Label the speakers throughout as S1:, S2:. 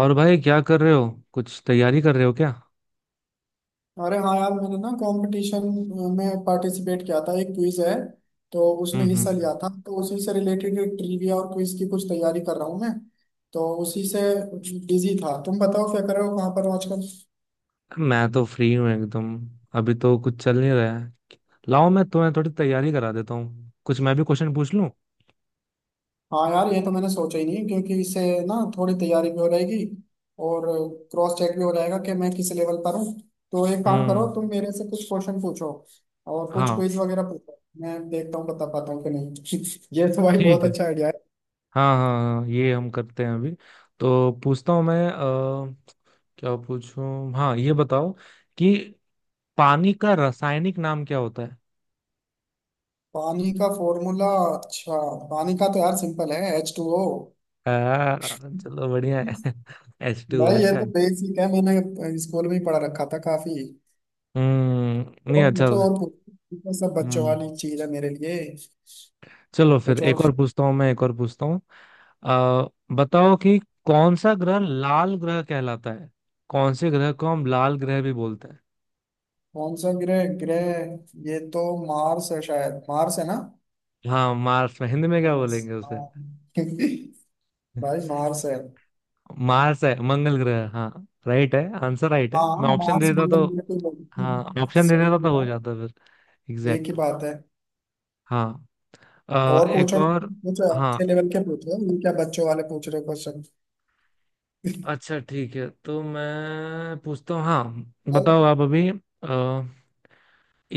S1: और भाई क्या कर रहे हो, कुछ तैयारी कर रहे हो क्या?
S2: अरे हाँ यार, मैंने ना कंपटीशन में पार्टिसिपेट किया था। एक क्विज है तो
S1: हम्म
S2: उसमें हिस्सा
S1: हम्म।
S2: लिया था, तो उसी से रिलेटेड ट्रिविया और क्विज की कुछ तैयारी कर रहा हूँ मैं। तो उसी से बिजी था। तुम बताओ क्या कर रहे हो, कहाँ पर हो आजकल?
S1: मैं तो फ्री हूँ एकदम। अभी तो कुछ चल नहीं रहा है। लाओ मैं तुम्हें थोड़ी तैयारी करा देता हूँ, कुछ मैं भी क्वेश्चन पूछ लूँ।
S2: हाँ यार, ये तो मैंने सोचा ही नहीं, क्योंकि इससे ना थोड़ी तैयारी भी हो जाएगी और क्रॉस चेक भी हो जाएगा कि मैं किस लेवल पर हूँ। तो एक काम करो,
S1: हम्म,
S2: तुम मेरे से कुछ क्वेश्चन पूछो और कुछ
S1: हाँ
S2: क्विज वगैरह पूछो। मैं देखता हूँ बता पाता हूँ कि नहीं। ये तो भाई
S1: ठीक
S2: बहुत
S1: है।
S2: अच्छा आइडिया।
S1: हाँ हाँ हाँ, ये हम करते हैं अभी। तो पूछता हूँ मैं क्या पूछूं? हाँ ये बताओ कि पानी का रासायनिक नाम क्या होता है?
S2: पानी का फॉर्मूला, अच्छा। पानी का तो यार सिंपल है, H2O।
S1: चलो बढ़िया है। एच टू,
S2: भाई ये
S1: अच्छा
S2: तो
S1: है।
S2: बेसिक है, मैंने स्कूल में ही पढ़ा रखा था काफी।
S1: नहीं,
S2: और
S1: अच्छा
S2: पूछो
S1: था।
S2: और पूछो, ये तो सब बच्चों
S1: हम्म
S2: वाली चीज है मेरे लिए।
S1: चलो फिर
S2: कुछ और
S1: एक और
S2: पूछो।
S1: पूछता हूँ मैं, एक और पूछता हूँ। आ बताओ कि कौन सा ग्रह लाल ग्रह कहलाता है, कौन से ग्रह को हम लाल ग्रह भी बोलते हैं?
S2: कौन सा ग्रह ग्रह, ये तो मार्स है, शायद मार्स है ना।
S1: हाँ, मार्स में हिंदी में क्या
S2: मार्स,
S1: बोलेंगे उसे?
S2: हाँ। भाई मार्स है।
S1: मार्स है मंगल ग्रह, हाँ। राइट है, आंसर राइट है। मैं
S2: हाँ
S1: ऑप्शन
S2: मार्स,
S1: दे देता तो।
S2: मंगल ग्रह पे बोलते
S1: हाँ,
S2: हैं।
S1: ऑप्शन दे देता
S2: सही
S1: तो हो
S2: है।
S1: जाता फिर।
S2: एक ही
S1: एग्जैक्ट।
S2: बात है।
S1: हाँ,
S2: और
S1: एक
S2: पूछो
S1: और।
S2: पूछो,
S1: हाँ
S2: अच्छे लेवल के पूछो, ये क्या बच्चों वाले पूछ रहे हो क्वेश्चन?
S1: अच्छा ठीक है, तो मैं पूछता हूँ, हाँ बताओ आप अभी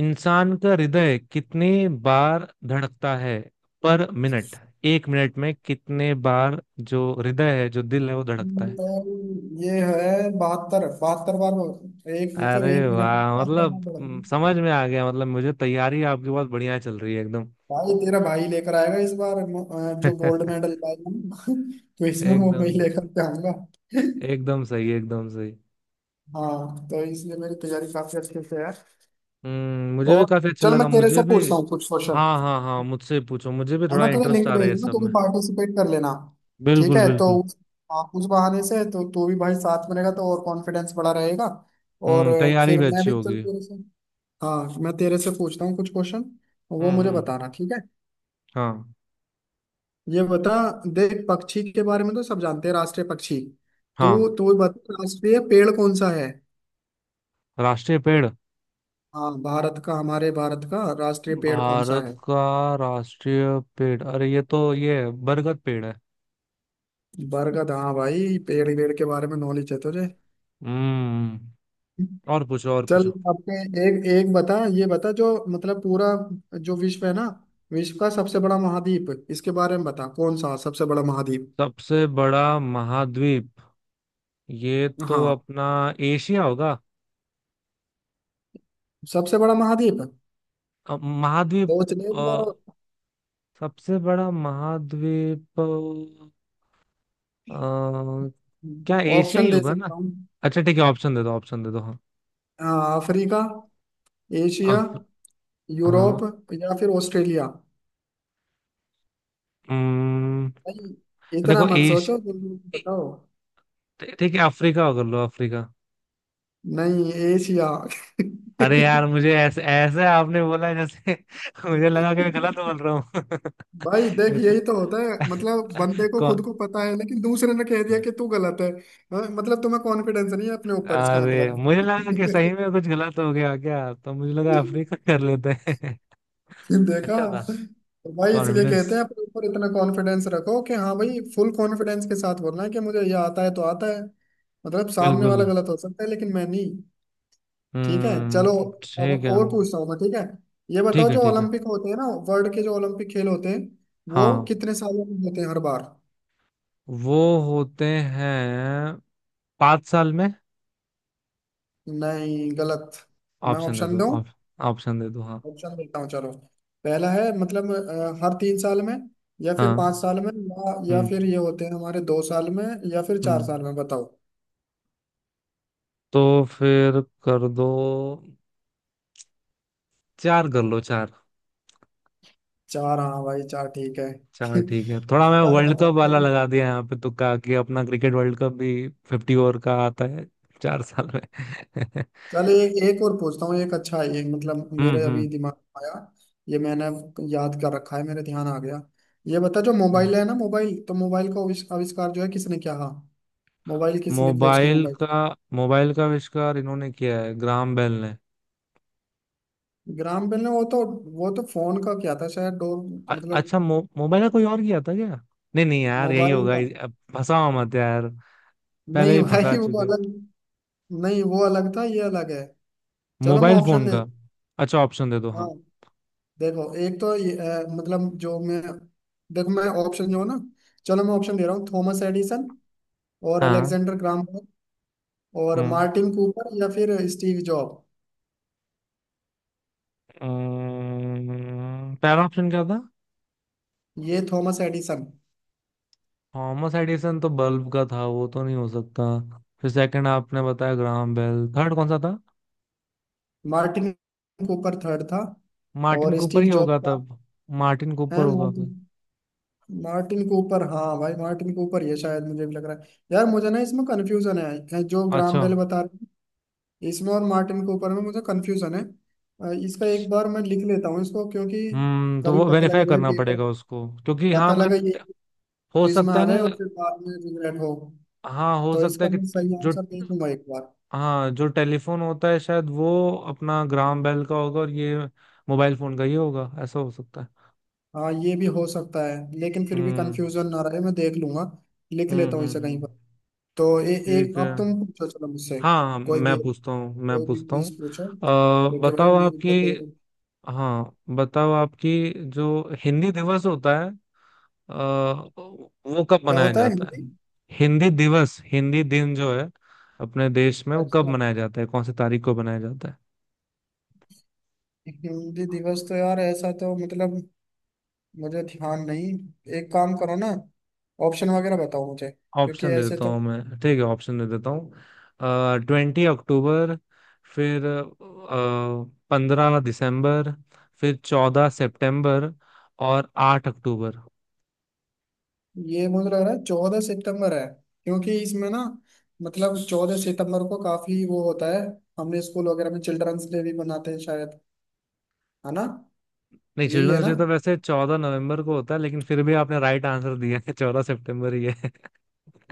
S1: इंसान का हृदय कितने बार धड़कता है पर मिनट? एक मिनट में कितने बार जो हृदय है, जो दिल है, वो धड़कता है?
S2: तो ये है बहत्तर, बहत्तर बार, एक मतलब एक
S1: अरे
S2: मिनट में
S1: वाह,
S2: 72 बार
S1: मतलब
S2: दौड़ती है।
S1: समझ में आ गया। मतलब मुझे तैयारी आपकी बहुत बढ़िया चल रही है एकदम।
S2: भाई तेरा भाई लेकर आएगा इस बार, जो गोल्ड मेडल लाएगा ना, तो इसमें वो मैं
S1: एकदम।
S2: ही लेकर के आऊंगा।
S1: एकदम सही, एकदम सही।
S2: हाँ, तो इसलिए मेरी तैयारी काफी अच्छे से है।
S1: मुझे भी
S2: और
S1: काफी अच्छा
S2: चल
S1: लगा,
S2: मैं तेरे
S1: मुझे
S2: से
S1: भी।
S2: पूछता हूँ कुछ क्वेश्चन।
S1: हाँ हाँ हाँ, मुझसे पूछो, मुझे भी
S2: है
S1: थोड़ा
S2: ना, तुझे
S1: इंटरेस्ट
S2: लिंक
S1: आ रहा
S2: भेज
S1: है इस
S2: दूंगा,
S1: सब
S2: तू भी
S1: में।
S2: पार्टिसिपेट कर लेना। ठीक
S1: बिल्कुल
S2: है तो
S1: बिल्कुल।
S2: उस, हाँ, उस बहाने से तो तू भी भाई साथ में रहेगा तो और कॉन्फिडेंस बढ़ा रहेगा। और
S1: तैयारी
S2: फिर
S1: भी
S2: मैं
S1: अच्छी
S2: भी चल
S1: होगी।
S2: तेरे से, हाँ मैं तेरे से पूछता हूँ कुछ क्वेश्चन। वो मुझे
S1: हम्म।
S2: बताना, ठीक है?
S1: हाँ
S2: ये बता, देख पक्षी के बारे में तो सब जानते हैं, राष्ट्रीय पक्षी। तू
S1: हाँ।
S2: तू बता, राष्ट्रीय पेड़ कौन सा है?
S1: राष्ट्रीय पेड़।
S2: हाँ भारत का, हमारे भारत का राष्ट्रीय पेड़ कौन सा
S1: भारत
S2: है?
S1: का राष्ट्रीय पेड़, अरे ये तो, ये बरगद पेड़ है।
S2: बरगद, हाँ भाई, पेड़ पेड़ के बारे में नॉलेज है तुझे।
S1: हम्म और पूछो और
S2: चल
S1: पूछो।
S2: अपने, एक एक बता, ये बता जो मतलब पूरा जो विश्व है ना, विश्व का सबसे बड़ा महाद्वीप, इसके बारे में बता, कौन सा सबसे बड़ा महाद्वीप?
S1: सबसे बड़ा महाद्वीप? ये तो
S2: हाँ।
S1: अपना एशिया होगा।
S2: सबसे बड़ा महाद्वीप,
S1: अब महाद्वीप
S2: सोच ले एक बार।
S1: अ, सबसे बड़ा महाद्वीप क्या एशिया ही
S2: ऑप्शन दे
S1: होगा ना?
S2: सकता हूँ?
S1: अच्छा ठीक है, ऑप्शन दे दो, ऑप्शन दे दो हाँ।
S2: अ, अफ्रीका, एशिया,
S1: अफ, हाँ।
S2: यूरोप, या फिर ऑस्ट्रेलिया।
S1: हम्म।
S2: नहीं, इतना
S1: देखो
S2: मत सोचो, जल्दी
S1: ए-
S2: बताओ।
S1: ठीक है, अफ्रीका कर लो, अफ्रीका।
S2: नहीं, एशिया।
S1: अरे यार, मुझे ऐसे ऐसे आपने बोला जैसे मुझे लगा कि मैं गलत बोल रहा हूँ।
S2: भाई देख,
S1: ये तो
S2: यही तो होता है, मतलब बंदे को खुद
S1: कौन
S2: को पता है, लेकिन दूसरे ने कह दिया कि तू गलत है, हाँ, मतलब तुम्हें कॉन्फिडेंस नहीं है अपने ऊपर, इसका
S1: अरे, मुझे लगा कि सही
S2: मतलब।
S1: में कुछ गलत हो गया क्या, तो मुझे लगा अफ्रीका कर लेते हैं।
S2: फिर देखा,
S1: अच्छा था।
S2: तो भाई इसलिए
S1: कॉन्फिडेंस।
S2: कहते हैं अपने ऊपर इतना कॉन्फिडेंस रखो कि हाँ भाई, फुल कॉन्फिडेंस के साथ बोलना है कि मुझे ये आता है तो आता है। मतलब सामने
S1: बिल्कुल।
S2: वाला गलत हो सकता है लेकिन मैं नहीं। ठीक है, चलो।
S1: हम्म,
S2: अब
S1: ठीक है।
S2: और पूछता हूँ मैं, ठीक है? ये
S1: ठीक
S2: बताओ,
S1: है,
S2: जो
S1: ठीक है,
S2: ओलंपिक होते हैं ना, वर्ल्ड के जो ओलंपिक खेल होते हैं, वो
S1: हाँ।
S2: कितने सालों में होते हैं हर बार?
S1: वो होते हैं 5 साल में।
S2: नहीं, गलत। मैं
S1: ऑप्शन दे
S2: ऑप्शन
S1: दो,
S2: दूं?
S1: ऑप्शन दे दो हाँ।
S2: ऑप्शन देता हूँ, चलो। पहला है मतलब हर 3 साल में, या फिर
S1: हाँ।
S2: 5 साल में, या
S1: हम्म
S2: फिर ये होते हैं हमारे 2 साल में, या फिर चार
S1: हम्म
S2: साल में, बताओ।
S1: तो फिर कर दो। चार कर लो, चार।
S2: चार, हाँ भाई चार, ठीक है।
S1: चार, ठीक है। थोड़ा
S2: इस
S1: मैं
S2: बार
S1: वर्ल्ड कप
S2: बताओ
S1: वाला
S2: तुम।
S1: लगा दिया यहाँ पे, तुक्का, कि अपना क्रिकेट वर्ल्ड कप भी 50 ओवर का आता है। 4 साल में।
S2: चलो एक एक और पूछता हूँ, एक अच्छा है ये, मतलब
S1: हम्म
S2: मेरे
S1: हम्म
S2: अभी दिमाग में आया। ये मैंने याद कर रखा है, मेरे ध्यान आ गया। ये बता, जो
S1: हम्म।
S2: मोबाइल है ना मोबाइल, तो मोबाइल का आविष्कार जो है किसने किया, हाँ? मोबाइल किसने खोज की,
S1: मोबाइल
S2: मोबाइल?
S1: का मोबाइल का आविष्कार इन्होंने किया है, ग्राहम बेल ने।
S2: ग्राम बेल ने, वो तो, वो तो फोन का क्या था शायद, डोर। मतलब
S1: अच्छा, मोबाइल का कोई और किया था क्या? नहीं नहीं यार, यही
S2: मोबाइल
S1: होगा।
S2: का,
S1: अब फंसाओ मत यार, पहले
S2: नहीं
S1: ही फंसा
S2: भाई वो
S1: चुके।
S2: अलग, नहीं वो अलग था, ये अलग है। चलो मैं
S1: मोबाइल
S2: ऑप्शन
S1: फोन
S2: दे,
S1: का। अच्छा ऑप्शन दे दो।
S2: हाँ। देखो एक तो ये, मतलब जो मैं, देखो मैं ऑप्शन जो है ना, चलो मैं ऑप्शन दे रहा हूँ। थॉमस एडिसन और
S1: हाँ।
S2: अलेक्जेंडर ग्राम बेल और
S1: हाँ,
S2: मार्टिन कूपर या फिर स्टीव जॉब।
S1: पहला ऑप्शन क्या था?
S2: ये थॉमस एडिसन,
S1: थॉमस एडिसन तो बल्ब का था, वो तो नहीं हो सकता। फिर सेकंड आपने बताया ग्राहम बेल, थर्ड कौन सा था?
S2: मार्टिन कूपर थर्ड था,
S1: मार्टिन
S2: और
S1: कूपर
S2: स्टीव
S1: ही
S2: जॉब
S1: होगा
S2: का
S1: तब। मार्टिन कूपर
S2: है।
S1: होगा
S2: मार्टिन,
S1: फिर।
S2: मार्टिन कूपर, हाँ भाई मार्टिन कूपर, ये शायद मुझे भी लग रहा है यार, मुझे ना इसमें कन्फ्यूजन है जो ग्राम
S1: अच्छा।
S2: बेल, बता, इसमें और मार्टिन कूपर में मुझे कंफ्यूजन है। इसका एक बार मैं लिख लेता हूँ इसको, क्योंकि
S1: तो
S2: कभी
S1: वो
S2: पता
S1: वेरीफाई
S2: लगे भाई
S1: करना
S2: पेपर,
S1: पड़ेगा उसको, क्योंकि, हाँ
S2: पता
S1: मतलब
S2: लगे ये
S1: हो
S2: क्विज में
S1: सकता
S2: आ
S1: है ना।
S2: जाए और फिर बाद में रिग्रेट हो।
S1: हाँ, हो
S2: तो
S1: सकता है
S2: इसका
S1: कि,
S2: मैं सही
S1: जो,
S2: आंसर देखूंगा एक बार।
S1: हाँ, जो टेलीफोन होता है शायद वो अपना ग्राहम बेल का होगा, और ये मोबाइल फोन का ही होगा, ऐसा हो सकता है।
S2: हाँ, ये भी हो सकता है लेकिन फिर भी
S1: हम्म
S2: कंफ्यूजन ना रहे, मैं देख लूंगा। लिख लेता हूँ इसे कहीं
S1: हम्म।
S2: पर। तो एक
S1: ठीक है।
S2: अब तुम पूछो चलो मुझसे।
S1: हाँ हाँ,
S2: कोई भी,
S1: मैं पूछता हूँ, मैं
S2: कोई भी
S1: पूछता हूँ।
S2: क्विज पूछो,
S1: अ,
S2: क्योंकि भाई
S1: बताओ
S2: मेरे
S1: आपकी,
S2: को तो।
S1: हाँ बताओ आपकी, जो हिंदी दिवस होता है वो कब
S2: क्या
S1: मनाया
S2: होता है
S1: जाता
S2: हिंदी?
S1: है? हिंदी दिवस, हिंदी दिन जो है अपने देश में, वो कब
S2: अच्छा,
S1: मनाया जाता है? कौन सी तारीख को मनाया जाता है?
S2: हिंदी दिवस तो यार ऐसा तो मतलब, मुझे ध्यान नहीं। एक काम करो ना, ऑप्शन वगैरह बताओ मुझे, क्योंकि
S1: ऑप्शन दे
S2: ऐसे
S1: देता
S2: तो।
S1: हूँ मैं, ठीक है, ऑप्शन दे देता हूँ। 20 अक्टूबर, फिर 15 दिसंबर, फिर 14 सितंबर, और 8 अक्टूबर।
S2: ये मुझे लग रहा है 14 सितंबर है, क्योंकि इसमें ना मतलब 14 सितंबर को काफी वो होता है। हमने स्कूल वगैरह में चिल्ड्रंस डे भी मनाते हैं शायद, है ना?
S1: नहीं,
S2: यही है
S1: चिल्ड्रंस
S2: ना।
S1: डे तो वैसे 14 नवंबर को होता है, लेकिन फिर भी आपने राइट आंसर दिया है। 14 सितंबर ही है।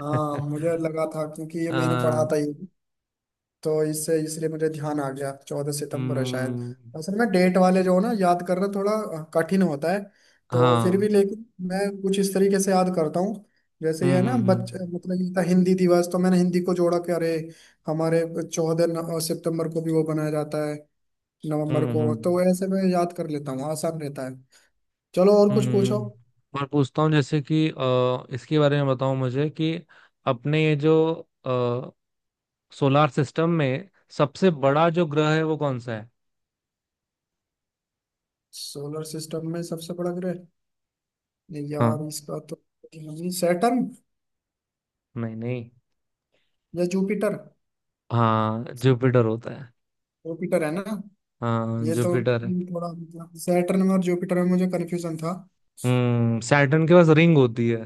S2: हाँ मुझे लगा था क्योंकि ये मैंने पढ़ा
S1: आ,
S2: था ये। तो इससे इसलिए मुझे ध्यान आ गया, 14 सितंबर है शायद।
S1: हम्म,
S2: असल में डेट वाले जो हो ना, याद करना थोड़ा कठिन होता है। तो फिर
S1: हाँ।
S2: भी लेकिन मैं कुछ इस तरीके से याद करता हूँ, जैसे ये
S1: हम्म
S2: है ना
S1: हम्म हम्म
S2: बच्चे, मतलब ये था हिंदी दिवस, तो मैंने हिंदी को जोड़ा कि अरे हमारे 14 सितंबर को भी वो बनाया जाता है। नवंबर
S1: हम्म
S2: को, तो
S1: हम्म।
S2: ऐसे मैं याद कर लेता हूँ, आसान रहता है। चलो और कुछ पूछो।
S1: हम्म। और पूछता हूँ जैसे कि इसके बारे में बताओ मुझे कि अपने ये जो अ, सोलार सिस्टम में सबसे बड़ा जो ग्रह है वो कौन सा है?
S2: सोलर सिस्टम में सबसे बड़ा ग्रह, नहीं यार
S1: हाँ।
S2: इसका तो सैटर्न
S1: नहीं नहीं।
S2: या जुपिटर।
S1: हाँ, जुपिटर होता है।
S2: जुपिटर है ना?
S1: हाँ
S2: ये तो
S1: जुपिटर है।
S2: थोड़ा मतलब, सैटर्न में और जुपिटर में मुझे कंफ्यूजन था।
S1: सैटर्न के पास रिंग होती है।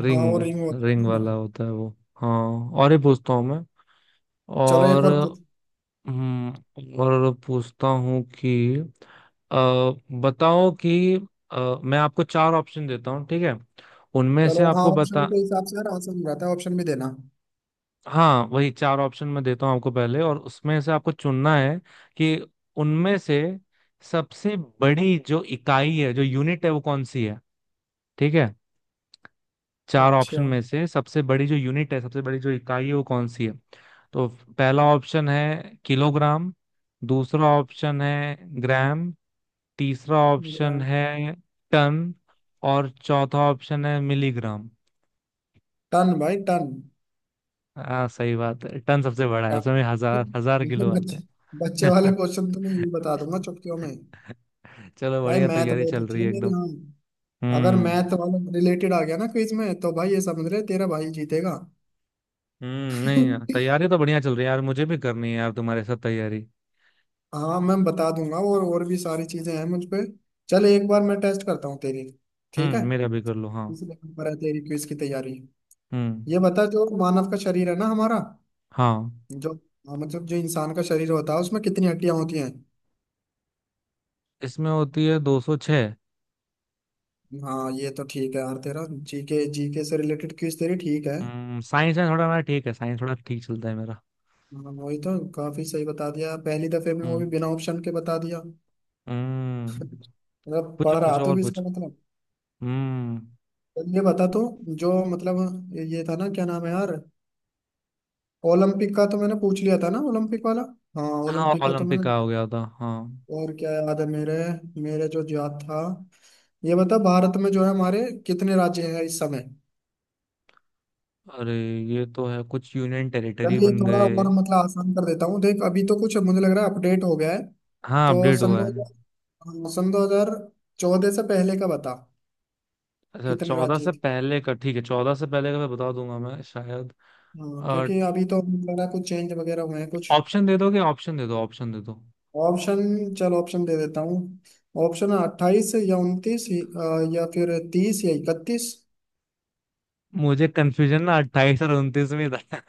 S2: हाँ हाँ,
S1: रिंग।
S2: और रिंग होता
S1: रिंग
S2: है ना।
S1: वाला होता है वो। हाँ। और ये पूछता हूँ मैं।
S2: चलो एक
S1: और
S2: और पूछ।
S1: हम्म, और पूछता हूँ कि अ, बताओ कि मैं आपको चार ऑप्शन देता हूँ, ठीक है, उनमें से
S2: चलो हाँ,
S1: आपको
S2: ऑप्शन
S1: बता,
S2: के हिसाब से यार आसान रहता है, ऑप्शन भी देना।
S1: हाँ वही, चार ऑप्शन मैं देता हूँ आपको पहले, और उसमें से आपको चुनना है कि उनमें से सबसे बड़ी जो इकाई है, जो यूनिट है, वो कौन सी है, ठीक है? चार
S2: अच्छा।
S1: ऑप्शन में से सबसे बड़ी जो यूनिट है, सबसे बड़ी जो इकाई है, वो कौन सी है? तो पहला ऑप्शन है किलोग्राम, दूसरा ऑप्शन है ग्राम, तीसरा ऑप्शन
S2: ग्रैंड।
S1: है टन, और चौथा ऑप्शन है मिलीग्राम।
S2: टन, भाई टन।
S1: हाँ सही बात है, टन सबसे बड़ा है,
S2: हाँ।
S1: उसमें हजार हजार
S2: ये
S1: किलो आते
S2: बच्चे, बच्चे वाले
S1: हैं।
S2: क्वेश्चन तो मैं यूं बता दूंगा चुटकियों में।
S1: चलो
S2: भाई
S1: बढ़िया,
S2: मैथ
S1: तैयारी
S2: बहुत
S1: चल
S2: अच्छी
S1: रही
S2: है
S1: है
S2: मेरी,
S1: एकदम।
S2: हाँ। अगर
S1: हम्म
S2: मैथ वाला रिलेटेड आ गया ना क्विज में, तो भाई ये समझ रहे, तेरा भाई जीतेगा।
S1: नहीं यार, तैयारी तो बढ़िया चल रही है यार, मुझे भी करनी है यार, तुम्हारे साथ तैयारी।
S2: हाँ मैं बता दूंगा, और भी सारी चीजें हैं मुझ पे। चल एक बार मैं टेस्ट करता हूँ तेरी, ठीक है?
S1: मेरा भी कर लो हाँ।
S2: इसलिए पर है तेरी क्विज की तैयारी। ये
S1: हम्म
S2: बता, जो मानव का शरीर है ना हमारा,
S1: हाँ,
S2: जो हाँ, मतलब जो इंसान का शरीर होता है, उसमें कितनी हड्डियां होती हैं?
S1: इसमें होती है 206।
S2: हाँ ये तो ठीक है यार, तेरा GK, GK से रिलेटेड क्विज तेरी ठीक है।
S1: साइंस में थोड़ा मेरा ठीक है, साइंस थोड़ा ठीक चलता है मेरा।
S2: हाँ, वही तो काफी सही बता दिया पहली दफे में, वो
S1: हम्म
S2: भी बिना ऑप्शन के बता दिया।
S1: हम्म
S2: मतलब
S1: पूछो
S2: पढ़ रहा
S1: पूछो
S2: तो
S1: और
S2: भी इसका
S1: पूछो।
S2: मतलब।
S1: हम्म
S2: तो ये बता तो, जो मतलब ये था ना, क्या नाम है यार, ओलंपिक का तो मैंने पूछ लिया था ना, ओलंपिक वाला। हाँ
S1: हाँ,
S2: ओलंपिक का तो
S1: ओलंपिक
S2: मैंने,
S1: का हो गया था, हाँ।
S2: और क्या याद है मेरे, मेरे जो याद था। ये बता, भारत में जो है हमारे, कितने राज्य हैं इस समय?
S1: अरे ये तो है, कुछ यूनियन टेरिटरी
S2: चल ये
S1: बन
S2: थोड़ा
S1: गए।
S2: और मतलब आसान कर देता हूँ, देख अभी तो कुछ मुझे लग रहा है अपडेट हो गया है।
S1: हाँ
S2: तो
S1: अपडेट हुआ है।
S2: सन 2014 से पहले का बता,
S1: अच्छा
S2: कितने
S1: चौदह
S2: राज्य
S1: से
S2: थे?
S1: पहले का, ठीक है, चौदह से पहले का मैं बता दूंगा मैं शायद।
S2: हाँ क्योंकि अभी तो मुझे लग रहा है कुछ चेंज वगैरह हुए हैं कुछ।
S1: ऑप्शन दे दोगे, ऑप्शन दे दो, ऑप्शन दे दो।
S2: ऑप्शन, चल ऑप्शन दे देता हूँ। ऑप्शन है 28 या 29, या फिर 30 या 31।
S1: मुझे कंफ्यूजन ना 28 और 29 में था,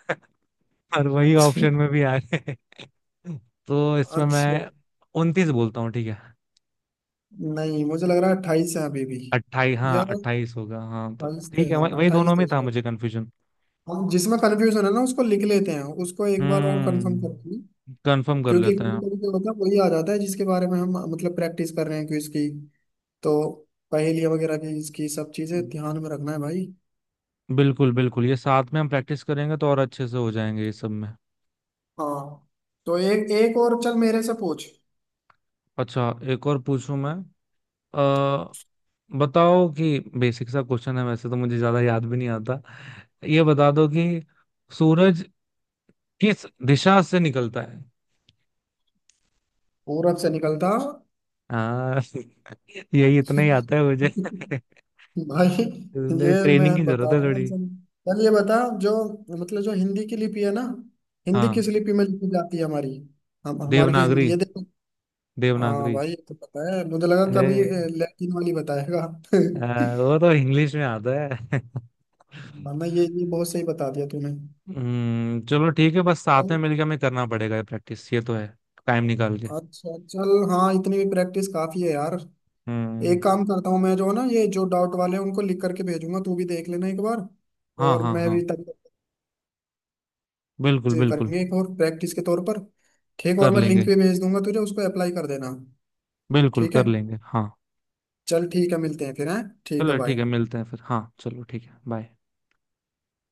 S1: और वही ऑप्शन में भी आ गए। तो इसमें
S2: अच्छा,
S1: मैं 29 बोलता हूँ ठीक है।
S2: नहीं मुझे लग रहा है 28 है अभी भी,
S1: 28,
S2: या
S1: हाँ 28 होगा हाँ, तो
S2: 28 थे।
S1: ठीक है, वही वही दोनों
S2: अट्ठाईस
S1: में
S2: थे।
S1: था मुझे कंफ्यूजन।
S2: हम जिसमें कंफ्यूजन है ना उसको लिख लेते हैं, उसको एक बार और कंफर्म करते हैं।
S1: कंफर्म कर
S2: क्योंकि
S1: लेते हैं।
S2: कभी कभी क्या होता है, वही आ जाता है जिसके बारे में हम मतलब प्रैक्टिस कर रहे हैं क्विज की। तो पहेलियाँ वगैरह की, इसकी सब चीजें ध्यान में रखना है भाई।
S1: बिल्कुल बिल्कुल, ये साथ में हम प्रैक्टिस करेंगे तो और अच्छे से हो जाएंगे ये सब में।
S2: हाँ तो एक एक और चल मेरे से पूछ।
S1: अच्छा एक और पूछूं मैं। अ बताओ कि बेसिक सा क्वेश्चन है, वैसे तो मुझे ज्यादा याद भी नहीं आता, ये बता दो कि सूरज किस दिशा से निकलता है।
S2: पूरब से निकलता।
S1: हाँ। यही इतना ही आता है मुझे।
S2: भाई
S1: इसलिए
S2: ये मैं
S1: ट्रेनिंग की जरूरत
S2: बता
S1: है
S2: दूंगा,
S1: थोड़ी।
S2: चल। चल ये बता, जो मतलब जो हिंदी की लिपि है ना, हिंदी
S1: हाँ।
S2: किस लिपि में लिखी जाती है हमारी? हम हमारी जो
S1: देवनागरी।
S2: हिंदी है देखो। हाँ
S1: देवनागरी।
S2: भाई ये तो पता है, मुझे लगा कभी
S1: अरे
S2: लैटिन वाली बताएगा।
S1: वो तो इंग्लिश में आता है।
S2: वरना ये, बहुत सही बता दिया तूने।
S1: चलो ठीक है, बस
S2: चल
S1: साथ में मिलकर हमें करना पड़ेगा ये प्रैक्टिस, ये तो है। टाइम निकाल के।
S2: अच्छा चल, हाँ इतनी भी प्रैक्टिस काफी है यार।
S1: हम्म
S2: एक काम करता हूँ मैं, जो ना ये जो डाउट वाले हैं उनको लिख करके भेजूंगा, तू भी देख लेना एक बार।
S1: हाँ
S2: और
S1: हाँ
S2: मैं भी
S1: हाँ,
S2: तब तक
S1: बिल्कुल
S2: से
S1: बिल्कुल
S2: करेंगे एक और प्रैक्टिस के तौर पर। ठीक, और
S1: कर
S2: मैं लिंक
S1: लेंगे,
S2: भी भेज दूंगा तुझे, उसको अप्लाई कर देना।
S1: बिल्कुल
S2: ठीक
S1: कर
S2: है,
S1: लेंगे हाँ।
S2: चल ठीक है मिलते हैं फिर हैं। ठीक है
S1: चलो ठीक है,
S2: बाय।
S1: मिलते हैं फिर हाँ, चलो ठीक है, बाय।